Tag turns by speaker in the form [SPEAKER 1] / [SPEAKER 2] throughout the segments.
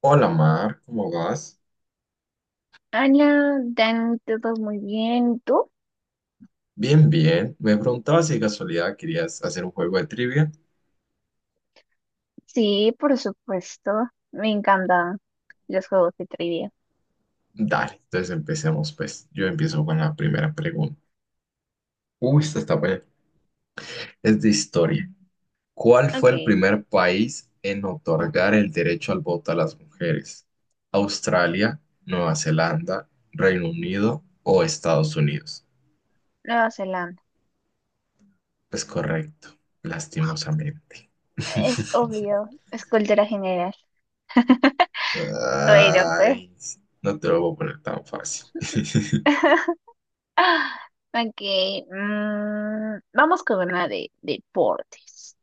[SPEAKER 1] Hola Mar, ¿cómo vas?
[SPEAKER 2] Hola, dan todo muy bien. ¿Y tú?
[SPEAKER 1] Bien, bien. Me preguntaba si de casualidad querías hacer un juego de trivia.
[SPEAKER 2] Sí, por supuesto. Me encantan los juegos de trivia.
[SPEAKER 1] Dale, entonces empecemos pues. Yo empiezo con la primera pregunta. Uy, esta está buena. Es de historia. ¿Cuál fue el
[SPEAKER 2] Ok,
[SPEAKER 1] primer país en otorgar el derecho al voto a las mujeres? ¿Australia, Nueva Zelanda, Reino Unido o Estados Unidos?
[SPEAKER 2] Nueva Zelanda.
[SPEAKER 1] Es correcto, lastimosamente.
[SPEAKER 2] Es obvio, es cultura general. Bueno, pues.
[SPEAKER 1] Ay, no te lo voy a poner tan fácil.
[SPEAKER 2] Ok, vamos con una de deportes.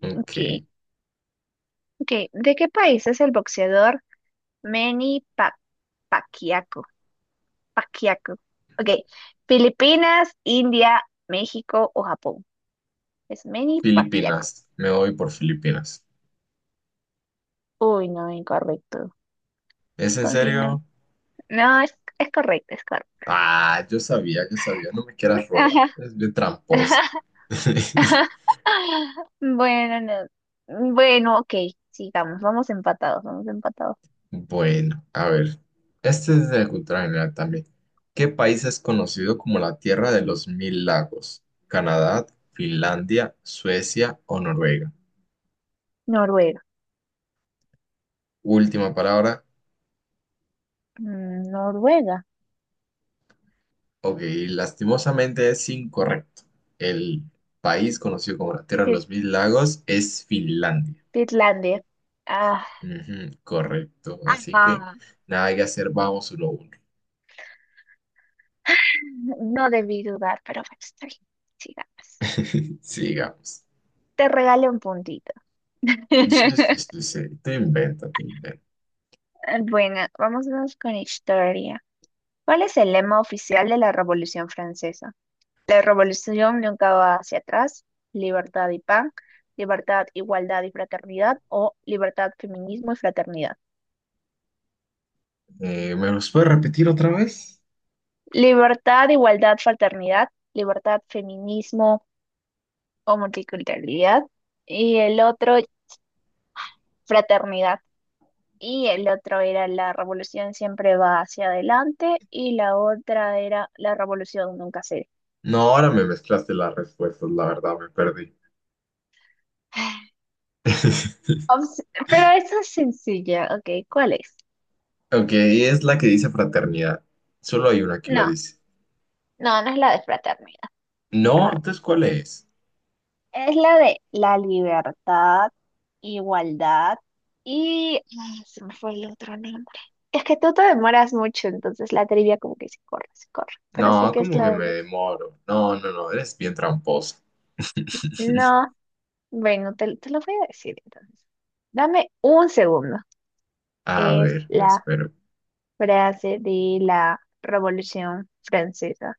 [SPEAKER 1] Ok.
[SPEAKER 2] Ok, ok. ¿De qué país es el boxeador Manny Pacquiao? Pacquiao. Ok, Filipinas, India, México o Japón. Es Manny Pacquiao.
[SPEAKER 1] Filipinas, me voy por Filipinas.
[SPEAKER 2] Uy, no, incorrecto.
[SPEAKER 1] ¿Es en
[SPEAKER 2] Continúa.
[SPEAKER 1] serio?
[SPEAKER 2] No, es correcto, es correcto.
[SPEAKER 1] Ah, yo sabía, no me quieras robar.
[SPEAKER 2] Ajá.
[SPEAKER 1] Es bien tramposa.
[SPEAKER 2] Bueno, no. Bueno, ok, sigamos, vamos empatados, vamos empatados.
[SPEAKER 1] Bueno, a ver. Este es de cultura general también. ¿Qué país es conocido como la Tierra de los Mil Lagos? ¿Canadá, Finlandia, Suecia o Noruega?
[SPEAKER 2] Noruega.
[SPEAKER 1] Última palabra.
[SPEAKER 2] Mm, Noruega.
[SPEAKER 1] Ok, lastimosamente es incorrecto. El país conocido como la Tierra de
[SPEAKER 2] Tit-
[SPEAKER 1] los Mil Lagos es Finlandia.
[SPEAKER 2] Titlandia. Ah,
[SPEAKER 1] Ujú, correcto. Así que
[SPEAKER 2] ajá.
[SPEAKER 1] nada que hacer, vamos lo uno.
[SPEAKER 2] No debí dudar, pero bueno, está bien. Sigamos.
[SPEAKER 1] Sigamos.
[SPEAKER 2] Te regalo un puntito.
[SPEAKER 1] Sí, sí, sí, sí. Tú inventa, tú inventa.
[SPEAKER 2] Bueno, vámonos con historia. ¿Cuál es el lema oficial de la Revolución Francesa? La revolución nunca va hacia atrás. Libertad y pan, libertad, igualdad y fraternidad o libertad, feminismo y fraternidad.
[SPEAKER 1] ¿Me los puedes repetir otra vez?
[SPEAKER 2] Libertad, igualdad, fraternidad, libertad, feminismo o multiculturalidad. Y el otro, fraternidad. Y el otro era la revolución siempre va hacia adelante y la otra era la revolución nunca se...
[SPEAKER 1] No, ahora me mezclaste las respuestas, la verdad, me perdí.
[SPEAKER 2] Ops, pero esa es sencilla, ok, ¿cuál es?
[SPEAKER 1] Ok, es la que dice fraternidad. Solo hay una que lo
[SPEAKER 2] No,
[SPEAKER 1] dice.
[SPEAKER 2] no, no es la de fraternidad,
[SPEAKER 1] No,
[SPEAKER 2] incorrecto.
[SPEAKER 1] entonces, ¿cuál es?
[SPEAKER 2] Es la de la libertad, igualdad y... ah, se me fue el otro nombre. Es que tú te demoras mucho, entonces la trivia como que se corre, se corre. Pero sé
[SPEAKER 1] No,
[SPEAKER 2] que es
[SPEAKER 1] como que
[SPEAKER 2] la de...
[SPEAKER 1] me demoro. No, no, no, eres bien tramposa.
[SPEAKER 2] No, bueno, te lo voy a decir entonces. Dame un segundo.
[SPEAKER 1] A
[SPEAKER 2] Es
[SPEAKER 1] ver, me
[SPEAKER 2] la
[SPEAKER 1] espero.
[SPEAKER 2] frase de la Revolución Francesa.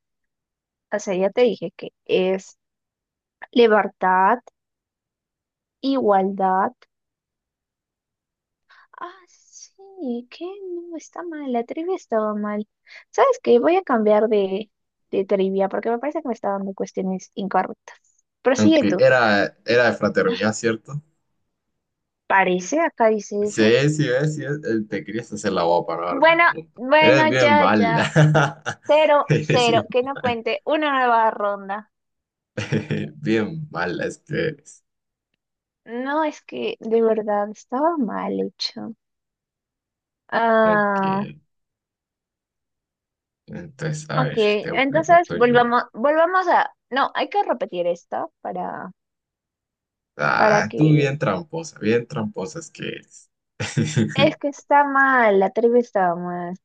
[SPEAKER 2] O sea, ya te dije que es libertad, igualdad. Ah, sí, ¿qué? No, está mal, la trivia estaba mal. ¿Sabes qué? Voy a cambiar de trivia porque me parece que me está dando cuestiones incorrectas. Prosigue
[SPEAKER 1] Aunque
[SPEAKER 2] tú.
[SPEAKER 1] era de fraternidad, ¿cierto?
[SPEAKER 2] Parece, acá dice eso.
[SPEAKER 1] Sí, sí, ves, te querías hacer la boba para darme el
[SPEAKER 2] Bueno,
[SPEAKER 1] punto. Eres
[SPEAKER 2] bueno,
[SPEAKER 1] bien
[SPEAKER 2] ya, ya.
[SPEAKER 1] mala.
[SPEAKER 2] Cero,
[SPEAKER 1] Eres
[SPEAKER 2] cero,
[SPEAKER 1] bien
[SPEAKER 2] que no
[SPEAKER 1] mala.
[SPEAKER 2] cuente una nueva ronda.
[SPEAKER 1] Bien mala, es que eres.
[SPEAKER 2] No, es que de verdad estaba mal hecho.
[SPEAKER 1] Ok.
[SPEAKER 2] Ah,
[SPEAKER 1] Entonces, a
[SPEAKER 2] ok,
[SPEAKER 1] ver, te
[SPEAKER 2] entonces
[SPEAKER 1] pregunto yo.
[SPEAKER 2] volvamos, volvamos a... No, hay que repetir esto para
[SPEAKER 1] Ah, tú
[SPEAKER 2] que
[SPEAKER 1] bien tramposa es que eres.
[SPEAKER 2] es que está mal, la trivia estaba mal.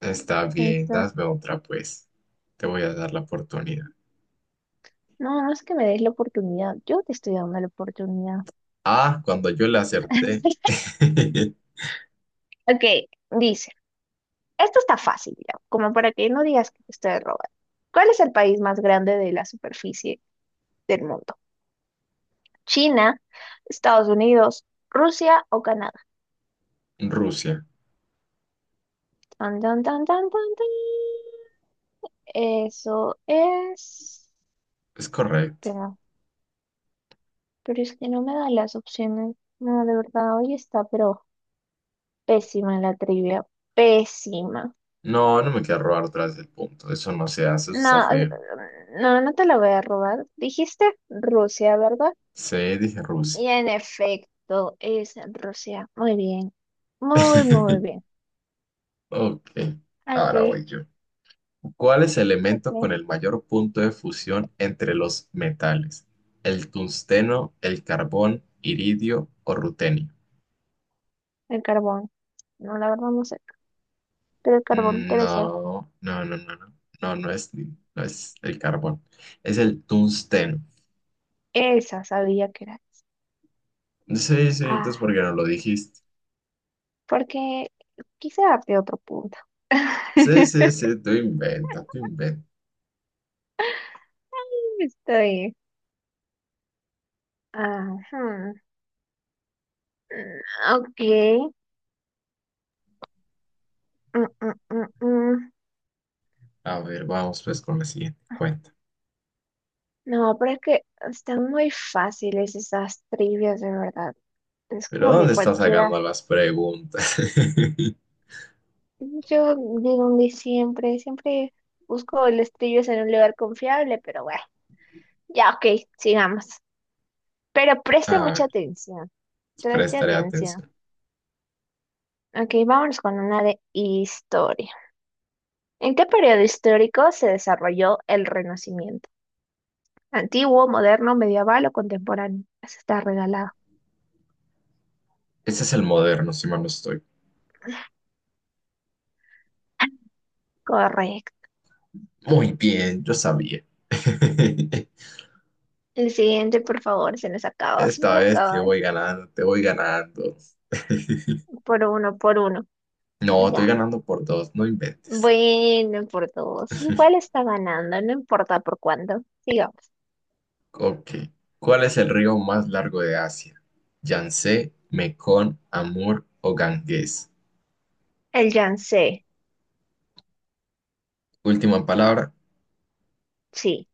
[SPEAKER 1] Está bien,
[SPEAKER 2] Entonces,
[SPEAKER 1] dame otra pues. Te voy a dar la oportunidad.
[SPEAKER 2] no, no es que me des la oportunidad. Yo te estoy dando la oportunidad.
[SPEAKER 1] Ah, cuando yo le acerté.
[SPEAKER 2] Ok, dice, esto está fácil, ya, como para que no digas que te estoy robando. ¿Cuál es el país más grande de la superficie del mundo? ¿China, Estados Unidos, Rusia o Canadá?
[SPEAKER 1] Rusia.
[SPEAKER 2] Tan, tan, tan, tan, tan, tan. Eso es...
[SPEAKER 1] Es correcto.
[SPEAKER 2] Espera, pero es que no me da las opciones. No, de verdad, hoy está, pero... Pésima la trivia, pésima.
[SPEAKER 1] No, no me quiero robar otra vez el punto. Eso no se hace, eso
[SPEAKER 2] No,
[SPEAKER 1] está feo.
[SPEAKER 2] no, no te la voy a robar. Dijiste Rusia, ¿verdad?
[SPEAKER 1] C, dije Rusia.
[SPEAKER 2] Y en efecto, es Rusia. Muy bien, muy bien.
[SPEAKER 1] Ok, ahora
[SPEAKER 2] Aquí,
[SPEAKER 1] voy yo. ¿Cuál es el elemento con
[SPEAKER 2] aquí,
[SPEAKER 1] el mayor punto de fusión entre los metales? ¿El tungsteno, el carbón, iridio o rutenio?
[SPEAKER 2] el carbón. No, la verdad no sé, pero el carbón
[SPEAKER 1] Mm,
[SPEAKER 2] debe ser.
[SPEAKER 1] No, no, no, no, no, no, no es, no es el carbón, es el tungsteno.
[SPEAKER 2] Esa sabía que era.
[SPEAKER 1] Sí, sí, entonces
[SPEAKER 2] Ah,
[SPEAKER 1] ¿por qué no lo dijiste?
[SPEAKER 2] porque quise darte otro punto.
[SPEAKER 1] Sí, sí, sí, tú inventa, tú inventa.
[SPEAKER 2] Está bien. Ajá. Ok. Mm, mm, mm, mm.
[SPEAKER 1] A ver, vamos pues con la siguiente cuenta.
[SPEAKER 2] No, pero es que están muy fáciles esas trivias, de verdad. Es
[SPEAKER 1] ¿Pero
[SPEAKER 2] como que
[SPEAKER 1] dónde estás
[SPEAKER 2] cualquiera.
[SPEAKER 1] sacando las preguntas?
[SPEAKER 2] Yo de donde siempre, siempre busco las trivias en un lugar confiable, pero bueno, ya, ok, sigamos. Pero preste mucha
[SPEAKER 1] A
[SPEAKER 2] atención, preste
[SPEAKER 1] Prestaré
[SPEAKER 2] atención.
[SPEAKER 1] atención.
[SPEAKER 2] Ok, vámonos con una de historia. ¿En qué periodo histórico se desarrolló el Renacimiento? ¿Antiguo, moderno, medieval o contemporáneo? Eso está regalado.
[SPEAKER 1] Ese es el moderno, si mal no estoy.
[SPEAKER 2] Correcto.
[SPEAKER 1] Muy bien, yo sabía.
[SPEAKER 2] El siguiente, por favor, se nos acaba, se nos
[SPEAKER 1] Esta vez te
[SPEAKER 2] acaba.
[SPEAKER 1] voy ganando, te voy ganando.
[SPEAKER 2] Por uno,
[SPEAKER 1] No, estoy
[SPEAKER 2] digamos.
[SPEAKER 1] ganando por dos, no inventes.
[SPEAKER 2] Bueno, por dos. Igual está ganando, no importa por cuánto. Digamos.
[SPEAKER 1] Ok. ¿Cuál es el río más largo de Asia? Yangtze, Mekong, Amur o Ganges.
[SPEAKER 2] El Yangtze,
[SPEAKER 1] Última palabra,
[SPEAKER 2] sí.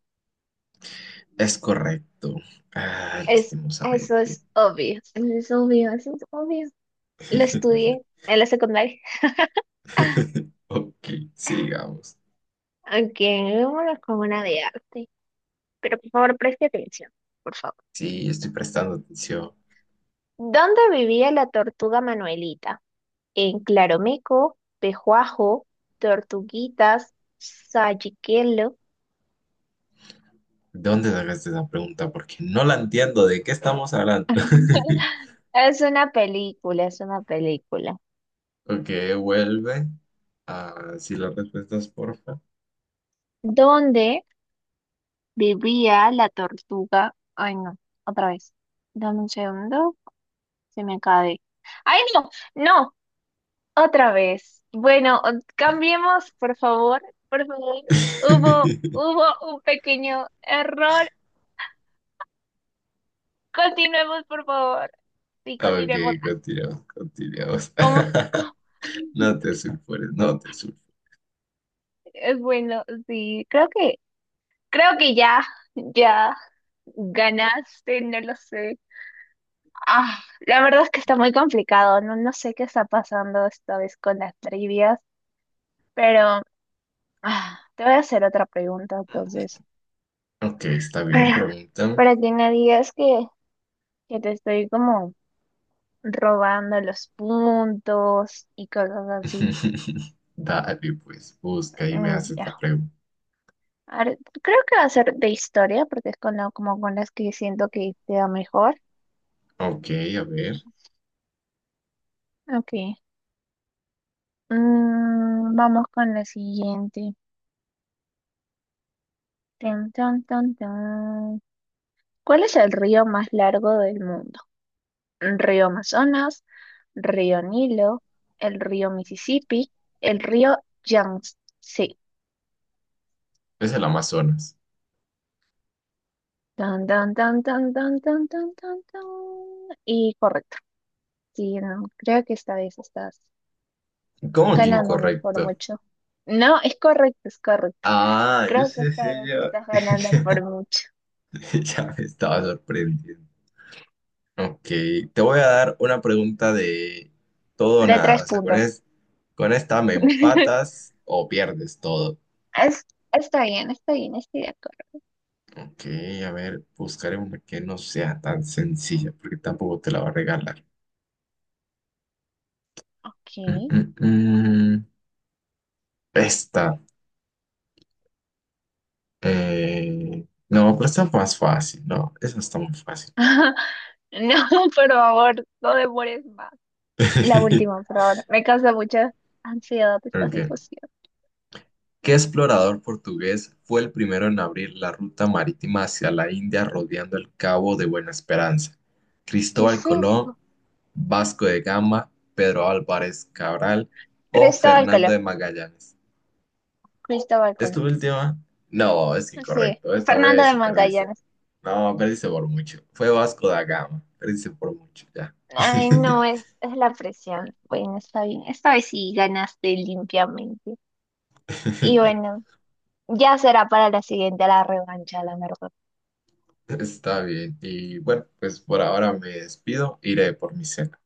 [SPEAKER 1] es correcto. Ah,
[SPEAKER 2] Es, eso
[SPEAKER 1] lastimosamente.
[SPEAKER 2] es obvio. Eso es obvio, eso es obvio. Lo estudié en la secundaria.
[SPEAKER 1] Ok, sigamos.
[SPEAKER 2] Aunque vámonos con una de arte. Pero por favor, preste atención, por favor.
[SPEAKER 1] Sí, estoy prestando atención.
[SPEAKER 2] ¿Dónde vivía la tortuga Manuelita? En Claromeco, Pejuajo, Tortuguitas, Sayiquelo.
[SPEAKER 1] ¿De dónde sacaste esa pregunta? Porque no la entiendo. ¿De qué estamos hablando?
[SPEAKER 2] Es una película, es una película.
[SPEAKER 1] Ok, vuelve. Ah, sí, las respuestas, porfa.
[SPEAKER 2] ¿Dónde vivía la tortuga? Ay, no, otra vez. Dame un segundo, se me acaba de... ¡Ay, no! ¡No! Otra vez. Bueno, cambiemos, por favor, por favor. Hubo un pequeño error. Continuemos, por favor. Sí,
[SPEAKER 1] Ok,
[SPEAKER 2] continuemos.
[SPEAKER 1] continuamos, continuamos.
[SPEAKER 2] ¿Cómo? ¿Cómo?
[SPEAKER 1] No te sulfures, no te sulfures.
[SPEAKER 2] Es bueno, sí, creo que ya, ya ganaste, no lo sé. Ah, la verdad es que está muy complicado. No, no sé qué está pasando esta vez con las trivias, pero ah, te voy a hacer otra pregunta entonces.
[SPEAKER 1] Ok, está bien,
[SPEAKER 2] Para,
[SPEAKER 1] pregúntame.
[SPEAKER 2] para que no digas que te estoy como robando los puntos y cosas así.
[SPEAKER 1] Dale, pues, busca y me
[SPEAKER 2] Mm,
[SPEAKER 1] haces la
[SPEAKER 2] ya.
[SPEAKER 1] pregunta.
[SPEAKER 2] A ver, creo que va a ser de historia porque es con como con las que siento que te da mejor.
[SPEAKER 1] Ok, a ver.
[SPEAKER 2] Ok. Mm, vamos con la siguiente. Tan, tan, tan, tan. ¿Cuál es el río más largo del mundo? ¿Río Amazonas, río Nilo, el río Mississippi, el río Yangtze? Sí.
[SPEAKER 1] Es el Amazonas.
[SPEAKER 2] Tan, tan, tan, tan, tan, tan, tan, tan, tan. Y correcto. Sí, no, creo que esta vez estás
[SPEAKER 1] ¿Cómo que
[SPEAKER 2] ganándome por
[SPEAKER 1] incorrecto?
[SPEAKER 2] mucho. No, es correcto, es correcto.
[SPEAKER 1] Ah, yo
[SPEAKER 2] Creo que
[SPEAKER 1] sé,
[SPEAKER 2] esta
[SPEAKER 1] sí,
[SPEAKER 2] vez
[SPEAKER 1] yo.
[SPEAKER 2] estás ganando por mucho.
[SPEAKER 1] Ya me estaba sorprendiendo. Ok, te voy a dar una pregunta de todo o
[SPEAKER 2] De
[SPEAKER 1] nada.
[SPEAKER 2] tres
[SPEAKER 1] O sea,
[SPEAKER 2] puntos.
[SPEAKER 1] con esta me empatas o pierdes todo.
[SPEAKER 2] Es, está bien, estoy de acuerdo.
[SPEAKER 1] Ok, a ver, buscaré una que no sea tan sencilla, porque tampoco te la va a regalar.
[SPEAKER 2] Ok.
[SPEAKER 1] Mm, mm, mm. Esta. No, pero está más fácil. No, esa está muy fácil.
[SPEAKER 2] No, por favor, no demores más. La última, por favor. Me causa mucha ansiedad esta
[SPEAKER 1] Ok.
[SPEAKER 2] situación.
[SPEAKER 1] ¿Qué explorador portugués fue el primero en abrir la ruta marítima hacia la India rodeando el Cabo de Buena Esperanza?
[SPEAKER 2] ¿Qué
[SPEAKER 1] Cristóbal
[SPEAKER 2] es
[SPEAKER 1] Colón.
[SPEAKER 2] eso?
[SPEAKER 1] Vasco de Gama, Pedro Álvarez Cabral o
[SPEAKER 2] Cristóbal
[SPEAKER 1] Fernando
[SPEAKER 2] Colón.
[SPEAKER 1] de Magallanes.
[SPEAKER 2] Cristóbal
[SPEAKER 1] ¿Esta
[SPEAKER 2] Colón.
[SPEAKER 1] última? No, es
[SPEAKER 2] Sí,
[SPEAKER 1] incorrecto. Esta
[SPEAKER 2] Fernando
[SPEAKER 1] vez
[SPEAKER 2] de
[SPEAKER 1] sí perdiste.
[SPEAKER 2] Magallanes.
[SPEAKER 1] No, perdiste por mucho. Fue Vasco da Gama. Perdiste por mucho, ya.
[SPEAKER 2] Ay, no, es la presión. Bueno, está bien. Esta vez sí ganaste limpiamente. Y bueno, ya será para la siguiente, la revancha, la verdad.
[SPEAKER 1] Está bien. Y bueno, pues por ahora me despido. Iré por mi cena.